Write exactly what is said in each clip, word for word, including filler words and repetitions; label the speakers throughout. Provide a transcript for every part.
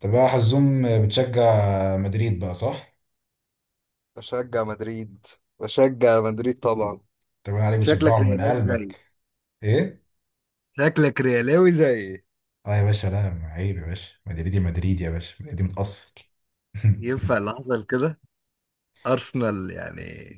Speaker 1: طب يا حزوم، بتشجع مدريد بقى، صح؟
Speaker 2: بشجع مدريد بشجع مدريد طبعا.
Speaker 1: طب انا عليك
Speaker 2: شكلك
Speaker 1: بتشجعهم من
Speaker 2: ريالاوي زيي
Speaker 1: قلبك. ايه؟
Speaker 2: شكلك ريالاوي زيي
Speaker 1: اه يا باشا، لا عيب يا باشا، مدريدي، مدريد يا باشا، مدريدي متأصل.
Speaker 2: ينفع اللي حصل كده؟ ارسنال يعني.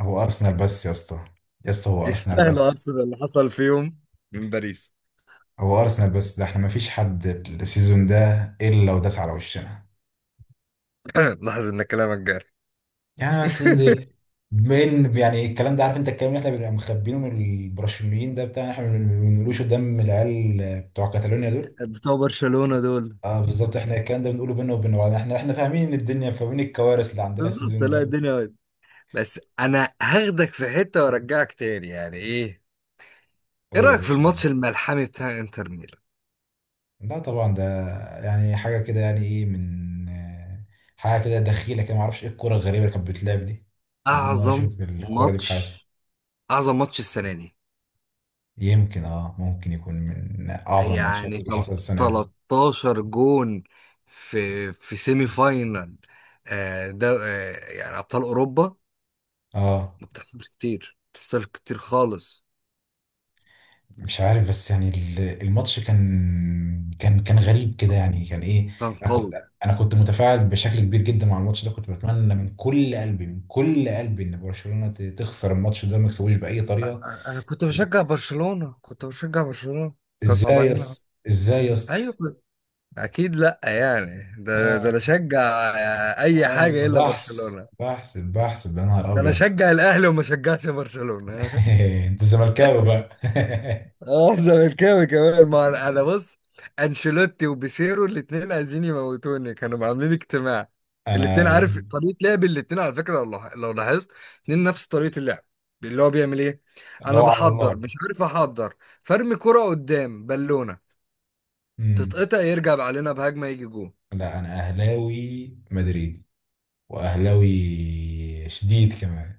Speaker 1: هو ارسنال بس يا اسطى، يا اسطى هو ارسنال
Speaker 2: يستاهلوا
Speaker 1: بس.
Speaker 2: ارسنال اللي حصل فيهم من باريس.
Speaker 1: هو ارسنال بس، ده احنا مفيش حد السيزون ده الا وداس على وشنا.
Speaker 2: لاحظ ان كلامك جاري.
Speaker 1: يعني بس اللي من يعني الكلام ده، عارف انت الكلام اللي احنا بنبقى مخبينه من البرازيليين ده بتاع احنا ما بنقولوش قدام العيال بتوع كاتالونيا.
Speaker 2: بتوع برشلونة دول.
Speaker 1: اه بالظبط، احنا الكلام ده بنقوله بينا وبين بعض، احنا احنا فاهمين ان الدنيا فاهمين الكوارث اللي عندنا
Speaker 2: بالظبط،
Speaker 1: السيزون
Speaker 2: لا
Speaker 1: ده.
Speaker 2: الدنيا واحد. بس انا هاخدك في حتة وارجعك تاني، يعني ايه، ايه
Speaker 1: قول يا
Speaker 2: رأيك في
Speaker 1: باشا.
Speaker 2: الماتش الملحمي بتاع انتر ميلان؟
Speaker 1: لا طبعا ده يعني حاجه كده، يعني ايه، من آه، حاجه كده دخيله كده، ما اعرفش ايه الكوره الغريبه اللي كانت بتلعب دي. انا اول مره
Speaker 2: اعظم
Speaker 1: اشوف الكوره دي في حياتي.
Speaker 2: ماتش، اعظم ماتش السنة دي.
Speaker 1: يمكن اه، ممكن يكون من اعظم الماتشات
Speaker 2: يعني
Speaker 1: اللي
Speaker 2: تل-
Speaker 1: حصلت السنه دي.
Speaker 2: تلتاشر جون في في سيمي فاينال. آه، ده، آه، يعني ابطال اوروبا.
Speaker 1: اه،
Speaker 2: ما بتحصلش كتير ما بتحصلش كتير خالص.
Speaker 1: مش عارف، بس يعني ال- الماتش كان كان كان غريب كده، يعني كان ايه.
Speaker 2: كان
Speaker 1: انا كنت
Speaker 2: قوي.
Speaker 1: انا كنت متفاعل بشكل كبير جدا مع الماتش ده، كنت بتمنى من كل قلبي، من كل قلبي، ان برشلونة ت- تخسر الماتش ده، ما يكسبوش بأي
Speaker 2: أ-
Speaker 1: طريقة.
Speaker 2: أ- انا كنت بشجع برشلونة كنت بشجع برشلونة. كانوا
Speaker 1: ازاي يا
Speaker 2: صعبانين على-،
Speaker 1: اسطى، ازاي يا اسطى؟
Speaker 2: ايوه كنت-، اكيد لا، يعني ده ده
Speaker 1: اه،
Speaker 2: انا اشجع آه، اي
Speaker 1: اه،
Speaker 2: حاجة الا
Speaker 1: بحث،
Speaker 2: برشلونة.
Speaker 1: بحث بحث يا نهار
Speaker 2: ده انا
Speaker 1: ابيض.
Speaker 2: اشجع الاهلي وما اشجعش برشلونة.
Speaker 1: انت زملكاوي بقى.
Speaker 2: اه زملكاوي كمان، ما انا أنا بص، انشيلوتي وبيسيرو الاتنين عايزين يموتوني، كانوا عاملين اجتماع. الاتنين
Speaker 1: انا
Speaker 2: عارف طريقة لعب الاتنين على فكرة، لو لاح- لو لاحظت اتنين نفس طريقة اللعب، اللي هو بيعمل ايه. انا
Speaker 1: لو على الله.
Speaker 2: بحضر مش عارف احضر، فرمي كرة قدام بالونة
Speaker 1: امم.
Speaker 2: تتقطع يرجع علينا بهجمة يجي جون.
Speaker 1: لا انا اهلاوي مدريدي، واهلاوي شديد كمان.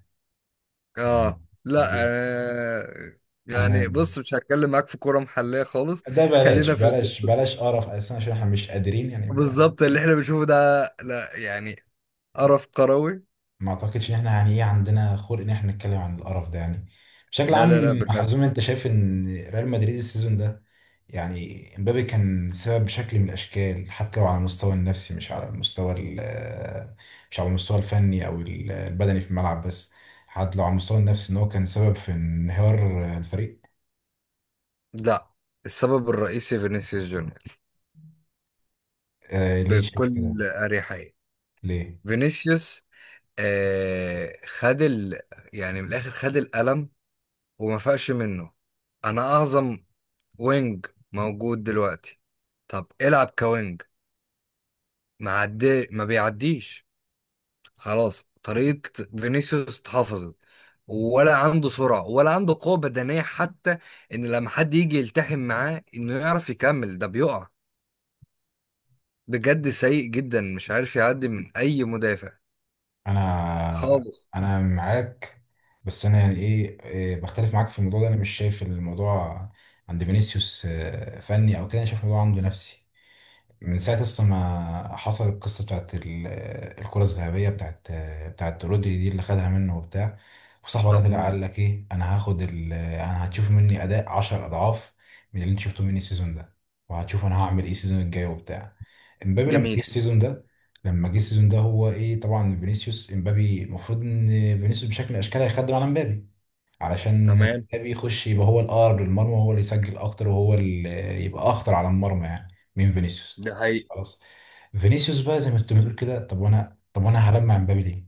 Speaker 1: يعني
Speaker 2: اه لا
Speaker 1: ليه؟
Speaker 2: آه
Speaker 1: انا
Speaker 2: يعني بص، مش هتكلم معاك في كرة محلية خالص.
Speaker 1: ده بلاش،
Speaker 2: خلينا في
Speaker 1: بلاش بلاش قرف اساسا، عشان احنا مش قادرين يعني ما.
Speaker 2: بالظبط اللي احنا بنشوفه ده، لا يعني، قرف كروي.
Speaker 1: ما اعتقدش ان احنا يعني ايه عندنا خلق ان احنا نتكلم عن القرف ده يعني. بشكل
Speaker 2: لا لا لا
Speaker 1: عام
Speaker 2: بجد،
Speaker 1: حزوم، انت شايف ان ريال مدريد السيزون ده، يعني امبابي كان سبب بشكل من الاشكال، حتى لو على المستوى النفسي مش على المستوى ال- مش على المستوى الفني، او ال- البدني في الملعب بس، حتى لو على المستوى النفسي، ان هو كان سبب في انهيار الفريق.
Speaker 2: لا. السبب الرئيسي فينيسيوس جونيور،
Speaker 1: آه، ليه شايف كده؟
Speaker 2: بكل أريحية.
Speaker 1: ليه؟
Speaker 2: فينيسيوس، آه خد ال، يعني من الآخر خد القلم وما فاقش منه. أنا أعظم وينج موجود دلوقتي. طب العب كوينج، ما عدي ما بيعديش. خلاص طريقة فينيسيوس اتحفظت، ولا عنده سرعة ولا عنده قوة بدنية حتى، إن لما حد يجي يلتحم معاه إنه يعرف يكمل ده بيقع. بجد سيء جدا، مش عارف يعدي من اي مدافع
Speaker 1: انا،
Speaker 2: خالص.
Speaker 1: انا معاك، بس انا يعني ايه، إيه، بختلف معاك في الموضوع ده. انا مش شايف الموضوع عند فينيسيوس آه، فني او كده، انا شايف الموضوع عنده نفسي، من ساعة أصلا ما حصل القصة بتاعت ال- الكرة الذهبية، بتاعت بتاعت رودري دي اللي خدها منه وبتاع، وصاحبه
Speaker 2: طب
Speaker 1: ده طلع
Speaker 2: م-
Speaker 1: قال لك إيه، أنا هاخد ال، أنا هتشوف مني أداء عشر أضعاف من اللي أنت شفته مني السيزون ده، وهتشوف أنا هعمل إيه السيزون الجاي وبتاع. إمبابي لما جه
Speaker 2: جميل.
Speaker 1: السيزون ده، لما جه السيزون ده، هو إيه، طبعا فينيسيوس إمبابي المفروض إن فينيسيوس بشكل من الأشكال هيخدم على إمبابي، علشان
Speaker 2: تمام.
Speaker 1: مبابي يخش يبقى هو الأقرب للمرمى، وهو اللي يسجل أكتر، وهو اللي يبقى أخطر على المرمى يعني من فينيسيوس.
Speaker 2: ده حقيقي.
Speaker 1: خلاص، فينيسيوس بقى زي ما انت بتقول كده، طب وأنا، طب وأنا هلمع مبابي ليه؟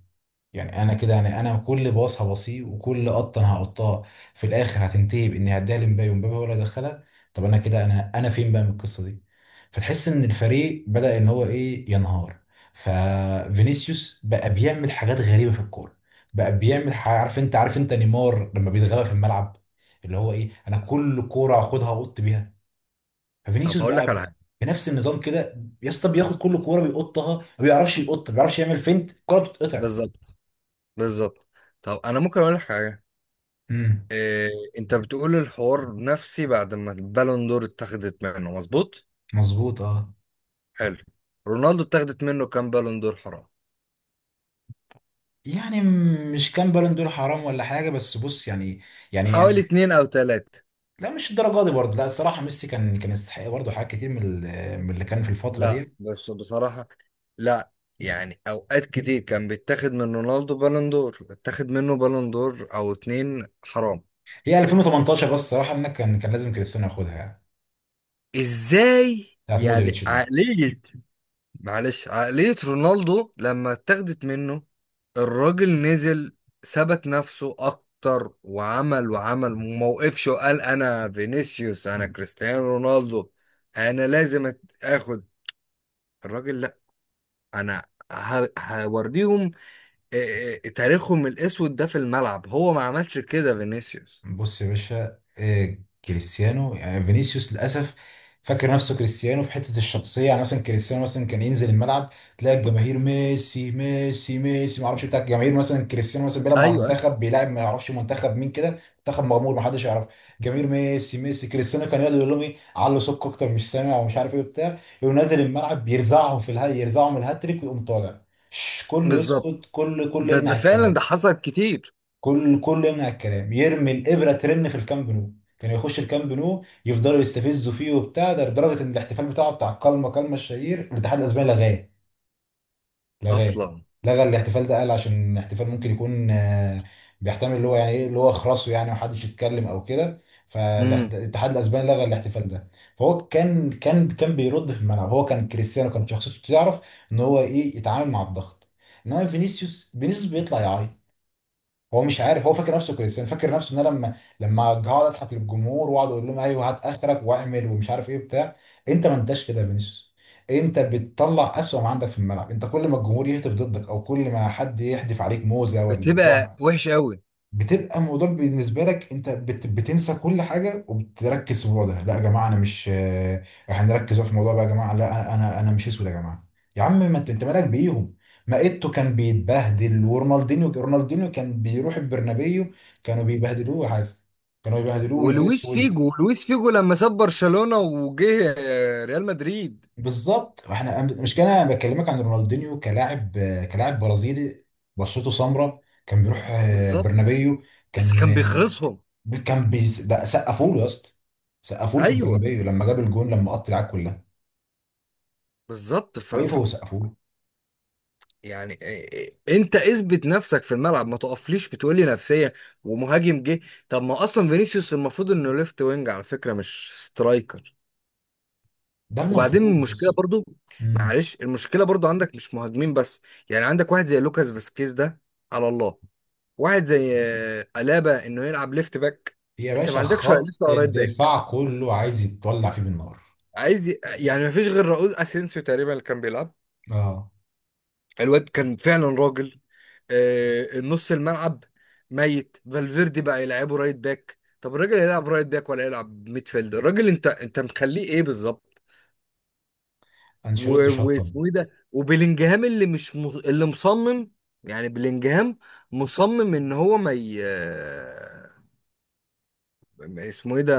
Speaker 1: يعني انا كده يعني، انا كل باص هبصيه، وكل قطه انا هقطها، في الاخر هتنتهي باني هديها لمبابي، ومبابي ولا يدخلها. طب انا كده، انا انا فين بقى من القصه دي؟ فتحس ان الفريق بدا ان هو ايه، ينهار. ففينيسيوس بقى بيعمل حاجات غريبه في الكوره، بقى بيعمل ح- عارف انت، عارف انت نيمار لما بيتغلب في الملعب، اللي هو ايه، انا كل كوره هاخدها اقط بيها.
Speaker 2: طب
Speaker 1: ففينيسيوس
Speaker 2: هقول لك على
Speaker 1: بقى
Speaker 2: حاجه.
Speaker 1: بنفس النظام كده يا اسطى، بياخد كل كوره بيقطها، ما بيعرفش يقط، ما بيعرفش يعمل فينت، الكوره بتتقطع.
Speaker 2: بالظبط. بالظبط. طب انا ممكن اقول لك حاجه؟ إيه، انت بتقول الحوار نفسي بعد ما البالون دور اتاخدت منه، مظبوط؟
Speaker 1: مظبوط، اه.
Speaker 2: حلو. رونالدو اتاخدت منه كام بالون دور حرام؟
Speaker 1: يعني م- مش كان بالون دور حرام ولا حاجه، بس بص يعني، يعني
Speaker 2: حوالي
Speaker 1: يعني
Speaker 2: اتنين او تلاتة.
Speaker 1: لا مش الدرجه دي برضه، لا الصراحه ميسي كان كان يستحق برضه حاجات كتير من ال- من اللي كان في الفتره
Speaker 2: لا
Speaker 1: دي.
Speaker 2: بس بصراحه، لا، يعني اوقات كتير كان بيتاخد من رونالدو بالون دور، اتاخد منه بالون دور او اتنين حرام.
Speaker 1: هي ألفين وتمنتاشر بس، الصراحه انك كان كان لازم كريستيانو ياخدها يعني،
Speaker 2: ازاي
Speaker 1: بتاعت
Speaker 2: يعني
Speaker 1: مودريتش دي.
Speaker 2: عقلية؟ معلش عقلية رونالدو لما اتاخدت منه، الراجل نزل ثبت نفسه اكتر وعمل وعمل وموقفش وقال انا فينيسيوس انا كريستيانو رونالدو، انا لازم أت- اخد. الراجل لا، انا ه- هوريهم آه، آه، تاريخهم الاسود ده في الملعب. هو ما عملش كده فينيسيوس.
Speaker 1: بص يا باشا، آه، كريستيانو، يعني فينيسيوس للاسف فاكر نفسه كريستيانو في حته الشخصيه. يعني مثلا كريستيانو مثلا كان ينزل الملعب، تلاقي الجماهير ميسي ميسي ميسي ما اعرفش بتاع الجماهير. مثلا كريستيانو مثلا بيلعب مع
Speaker 2: ايوه ايوه
Speaker 1: المنتخب، بيلعب ما يعرفش منتخب مين كده، منتخب مغمور ما حدش يعرف، جماهير ميسي ميسي. كريستيانو كان يقعد يقول لهم ايه، علوا سك اكتر، مش سامع ومش عارف ايه وبتاع، يقوم نازل الملعب، يرزعهم في الها، يرزعهم الهاتريك، ويقوم طالع، شش، كله يسكت،
Speaker 2: بالظبط،
Speaker 1: كله كله
Speaker 2: ده ده
Speaker 1: يمنع
Speaker 2: فعلا، ده
Speaker 1: الكلام.
Speaker 2: حصل كتير
Speaker 1: كل كل يمنع الكلام، يرمي الابره ترن في الكامب نو. كانوا يخش الكامب نو، يفضلوا يستفزوا فيه وبتاع ده، لدرجه ان الاحتفال بتاعه بتاع كلمه كلمه الشهير، الاتحاد الاسباني لغاه، لغاه
Speaker 2: اصلا.
Speaker 1: لغى الاحتفال ده. قال عشان الاحتفال ممكن يكون آه، بيحتمل اللي هو يعني ايه، اللي هو خرسه يعني، محدش يتكلم او كده. فالاتحاد الاسباني لغى الاحتفال ده. فهو كان كان كان بيرد في الملعب، هو كان كريستيانو كان شخصيته تعرف ان هو ايه، يتعامل مع الضغط. انما فينيسيوس، فينيسيوس بيطلع يعيط. هو مش عارف، هو فاكر نفسه كريستيانو، فاكر نفسه ان انا لما لما هقعد اضحك للجمهور، واقعد اقول لهم ايوه هات اخرك واعمل ومش عارف ايه بتاع انت ما انتش كده يا فينيسيوس، انت بتطلع اسوأ ما عندك في الملعب. انت كل ما الجمهور يهتف ضدك، او كل ما حد يحدف عليك موزه ولا يقول،
Speaker 2: بتبقى وحش قوي.
Speaker 1: بتبقى الموضوع بالنسبه لك، انت بت... بتنسى كل حاجه، وبتركز في الموضوع ده. لا يا جماعه انا مش آه، احنا نركز بقى في الموضوع بقى يا جماعه، لا انا، انا مش اسود يا جماعه. يا عم ما انت، انت مالك بيهم؟ ما ايتو كان بيتبهدل، ورونالدينيو، رونالدينيو كان بيروح البرنابيو، كانوا بيبهدلوه يا حازم، كانوا بيبهدلوه
Speaker 2: ولويس
Speaker 1: الاسود.
Speaker 2: فيجو، لويس فيجو لما ساب برشلونة وجه آه، ريال مدريد.
Speaker 1: بالظبط، احنا مش كان انا بكلمك عن رونالدينيو كلاعب، آه، كلاعب برازيلي بشرته سمراء، كان بيروح آه،
Speaker 2: بالظبط.
Speaker 1: برنابيو.
Speaker 2: بس
Speaker 1: كان،
Speaker 2: كان بيخلصهم.
Speaker 1: كان بيس... ده سقفوا له يا اسطى، سقفوا له في
Speaker 2: ايوه
Speaker 1: البرنابيو لما جاب الجون، لما قط العاب كلها،
Speaker 2: بالظبط ف... ف...
Speaker 1: وقفوا وسقفوا له.
Speaker 2: يعني آه، آه، انت اثبت نفسك في الملعب، ما تقفليش بتقولي نفسية ومهاجم جه. طب ما اصلا فينيسيوس المفروض انه ليفت وينج على فكرة، مش سترايكر.
Speaker 1: ده
Speaker 2: وبعدين
Speaker 1: المفروض بس.
Speaker 2: المشكلة برضو،
Speaker 1: امم.
Speaker 2: معلش المشكلة برضو عندك مش مهاجمين بس، يعني عندك واحد زي لوكاس فاسكيز ده، على الله. واحد زي آه، ألابا انه يلعب ليفت باك.
Speaker 1: يا
Speaker 2: انت ما
Speaker 1: باشا
Speaker 2: عندكش ولا
Speaker 1: خط
Speaker 2: ليفت ولا رايت باك،
Speaker 1: الدفاع كله عايز يتولع فيه بالنار.
Speaker 2: عايز ي... يعني ما فيش غير راؤول اسينسيو تقريبا اللي كان بيلعب.
Speaker 1: اه،
Speaker 2: الواد كان فعلا راجل آه، النص الملعب. ميت فالفيردي بقى يلعبه رايت باك، طب الراجل يلعب رايت باك ولا يلعب ميدفيلد؟ الراجل انت انت مخليه ايه بالظبط؟
Speaker 1: انشيلوتي
Speaker 2: و...
Speaker 1: شطب.
Speaker 2: واسمه ايه ده، وبلينجهام اللي مش م... اللي مصمم، يعني بلينجهام مصمم ان هو ما ي... آه، اسمه ايه ده،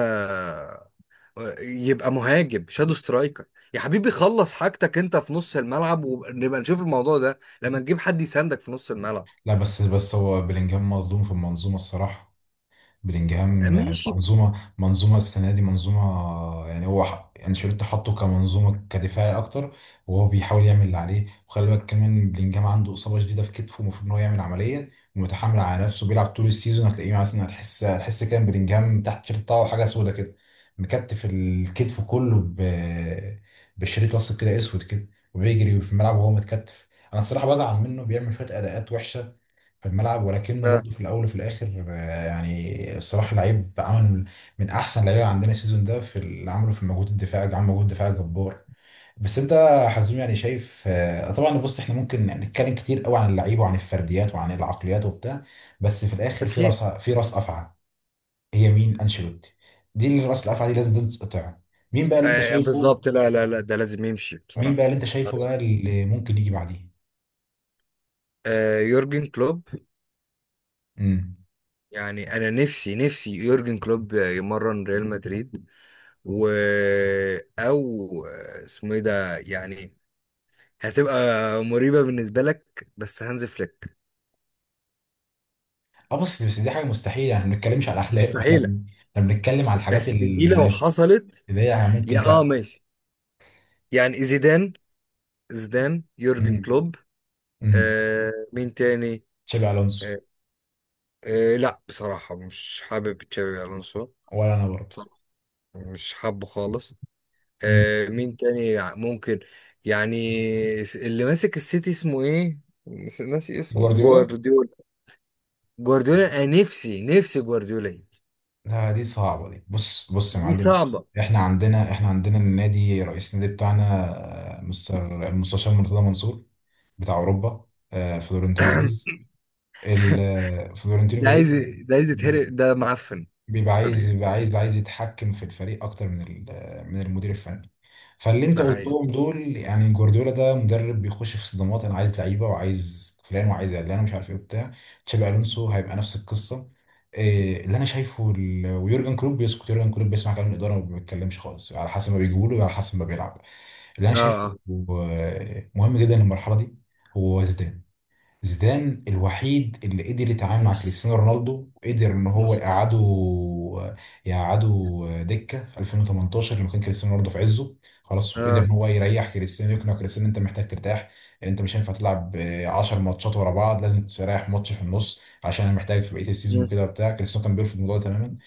Speaker 2: يبقى مهاجم شادو سترايكر. يا حبيبي خلص حاجتك انت في نص الملعب، ونبقى نشوف الموضوع ده لما نجيب حد يساندك في نص الملعب.
Speaker 1: لا بس، بس هو بلينجهام مظلوم في المنظومه الصراحه. بلينجهام
Speaker 2: آه، ماشي.
Speaker 1: منظومه منظومه السنه دي منظومه، يعني هو ح- انشيلوتي حطه كمنظومه كدفاعي اكتر، وهو بيحاول يعمل اللي عليه. وخلي بالك كمان بلينجهام عنده اصابه شديده في كتفه، المفروض ان هو يعمل عمليه ومتحامل على نفسه، بيلعب طول السيزون. هتلاقيه مثلا، هتحس هتحس كده إن بلينجهام تحت التيشيرت بتاعه حاجه سودا كده، مكتف، الكتف كله ب... بشريط لاصق كده اسود كده، وبيجري في الملعب وهو متكتف. انا الصراحه بزعل منه، بيعمل شويه اداءات وحشه في الملعب، ولكنه
Speaker 2: اه
Speaker 1: برضه في الاول وفي الاخر آه، يعني الصراحه لعيب عمل من احسن لعيبه عندنا السيزون ده في اللي عمله في المجهود الدفاعي، عمل مجهود دفاعي جبار. بس انت يا حزوم يعني شايف آه، طبعا، بص احنا ممكن نتكلم كتير قوي عن اللعيبه، وعن الفرديات، وعن العقليات وبتاع، بس في الاخر في
Speaker 2: اكيد.
Speaker 1: راس، في راس افعى، هي مين؟ انشيلوتي، دي اللي راس الافعى دي لازم تتقطع. مين بقى اللي انت
Speaker 2: آه
Speaker 1: شايفه؟
Speaker 2: بالظبط. لا لا لا، ده لازم يمشي
Speaker 1: مين بقى
Speaker 2: بصراحة.
Speaker 1: اللي انت شايفه
Speaker 2: طريق.
Speaker 1: بقى اللي ممكن يجي بعديه؟
Speaker 2: آه يورجن كلوب، يعني انا نفسي نفسي يورجن كلوب يمرن ريال مدريد. و، او آه، اسمه ايه ده يعني، هتبقى مريبة بالنسبة لك بس هانز فليك.
Speaker 1: اه بس، بس دي حاجه مستحيله، يعني ما بنتكلمش على الاخلاق، احنا
Speaker 2: مستحيلة.
Speaker 1: بن- احنا بنتكلم على الحاجات
Speaker 2: بس دي لو
Speaker 1: النفس
Speaker 2: حصلت.
Speaker 1: اللي هي
Speaker 2: يا
Speaker 1: ممكن
Speaker 2: اه
Speaker 1: تحصل.
Speaker 2: ماشي. يعني زيدان، زيدان يورجن
Speaker 1: امم،
Speaker 2: كلوب.
Speaker 1: امم،
Speaker 2: آه مين تاني؟
Speaker 1: تشابي الونسو.
Speaker 2: آه. آه لا بصراحة مش حابب تشابي ألونسو،
Speaker 1: ولا انا برضه.
Speaker 2: بصراحة مش حابه خالص.
Speaker 1: امم،
Speaker 2: آه مين تاني يع- ممكن؟ يعني س- اللي ماسك السيتي اسمه ايه، نس- ناسي اسمه
Speaker 1: جوارديولا.
Speaker 2: جوارديولا. جوارديولا انا نفسي نفسي جوارديولا يجي.
Speaker 1: لا دي صعبه دي، بص، بص يا
Speaker 2: دي
Speaker 1: معلم،
Speaker 2: صعبة.
Speaker 1: احنا عندنا، احنا عندنا النادي، رئيس النادي بتاعنا آه، مستر المستشار مرتضى منصور بتاع اوروبا، آه، فلورنتينو بيريز، ال- آه، فلورنتينو
Speaker 2: ده عايز،
Speaker 1: بيريز
Speaker 2: ده عايز يتهرق ده معفن.
Speaker 1: بيبقى
Speaker 2: سوري
Speaker 1: عايز،
Speaker 2: يعني.
Speaker 1: بيبقى عايز عايز يتحكم في الفريق اكتر من ال- من المدير الفني. فاللي انت
Speaker 2: ده حقيقي.
Speaker 1: قلتهم دول، يعني جوارديولا ده مدرب بيخش في صدمات، انا عايز لعيبه، وعايز فلان، وعايز علان، ومش عارف ايه وبتاع. تشابي الونسو هيبقى نفس القصه. إيه اللي انا شايفه، ال- ويورجن كلوب بيسكت، يورجن كلوب بيسمع كلام الاداره وما بيتكلمش خالص، على حسب ما بيجيبوا له وعلى حسب ما بيلعب. اللي انا
Speaker 2: اه
Speaker 1: شايفه
Speaker 2: اه.
Speaker 1: آه، مهم جدا المرحله دي. هو زيدان، زيدان الوحيد اللي قدر يتعامل مع
Speaker 2: نص
Speaker 1: كريستيانو رونالدو، وقدر ان هو
Speaker 2: نص
Speaker 1: يقعده، يقعده دكه في ألفين وتمنتاشر لما كان كريستيانو رونالدو في عزه. خلاص، وقدر
Speaker 2: اه.
Speaker 1: ان هو يريح كريستيانو، يقنع كريستيانو إن انت محتاج ترتاح، انت مش هينفع تلعب عشر ماتشات ورا بعض، لازم تريح ماتش في النص، عشان انا محتاج في بقيه السيزون
Speaker 2: مم،
Speaker 1: وكده وبتاع. كريستيانو كان بيرفض الموضوع ده تماما.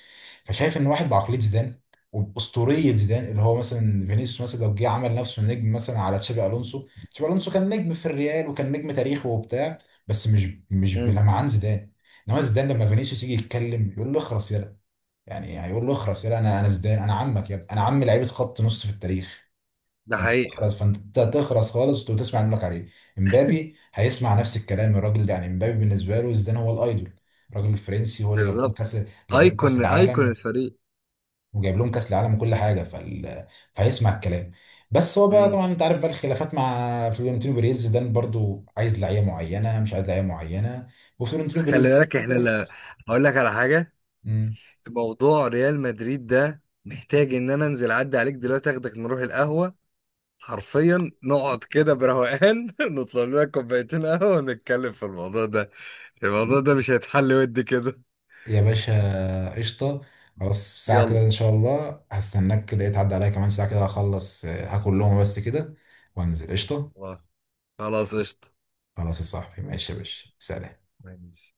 Speaker 1: فشايف ان واحد بعقليه زيدان، وباسطوريه زيدان، اللي هو مثلا فينيسيوس مثلا لو جه عمل نفسه نجم، مثلا على تشابي الونسو، تشابي الونسو كان نجم في الريال، وكان نجم تاريخه وبتاع، بس مش، مش
Speaker 2: مم.
Speaker 1: بلمعان زيدان. انما زيدان لما فينيسيوس يجي يتكلم، يقول له اخرس يلا. يعني هيقول له اخرس يلا، انا، انا زيدان، انا عمك يا ابني، انا عم لعيبه خط نص في التاريخ،
Speaker 2: ده
Speaker 1: فانت
Speaker 2: حقيقي.
Speaker 1: تخرس، فانت تخرس خالص، وتسمع اللي لك عليه. امبابي هيسمع نفس الكلام الراجل ده، يعني امبابي بالنسبه له زيدان هو الايدول، الراجل الفرنسي هو اللي جاب لهم
Speaker 2: بالظبط.
Speaker 1: كاس، جاب لهم كاس
Speaker 2: ايكون، ايكون
Speaker 1: العالم،
Speaker 2: الفريق.
Speaker 1: وجايب لهم كاس العالم وكل حاجه فال... فهيسمع الكلام. بس هو بقى
Speaker 2: امم.
Speaker 1: طبعا، انت عارف بقى، الخلافات مع فلورنتينو بيريز ده برضو، عايز لعيبه معينه، مش عايز لعيبه معينه،
Speaker 2: بس
Speaker 1: وفلورنتينو
Speaker 2: خلي
Speaker 1: بيريز
Speaker 2: بالك احنا
Speaker 1: يرفض.
Speaker 2: لا، هقول لك على حاجه.
Speaker 1: مم.
Speaker 2: موضوع ريال مدريد ده محتاج ان انا انزل اعدي عليك دلوقتي، اخدك نروح القهوه، حرفيا نقعد كده بروقان نطلب لنا كوبايتين قهوه ونتكلم في الموضوع ده. الموضوع ده مش هيتحل ودي كده.
Speaker 1: يا باشا قشطه، خلاص الساعه كده
Speaker 2: يلا.
Speaker 1: ان شاء الله هستناك كده، إيه، تعدي عليا كمان ساعه كده، هخلص آه، هاكل لهم بس كده، وانزل، قشطه.
Speaker 2: خلاص قشطه.
Speaker 1: خلاص يا صاحبي، ماشي يا باشا،
Speaker 2: ماشي.
Speaker 1: سلام.
Speaker 2: ماشي.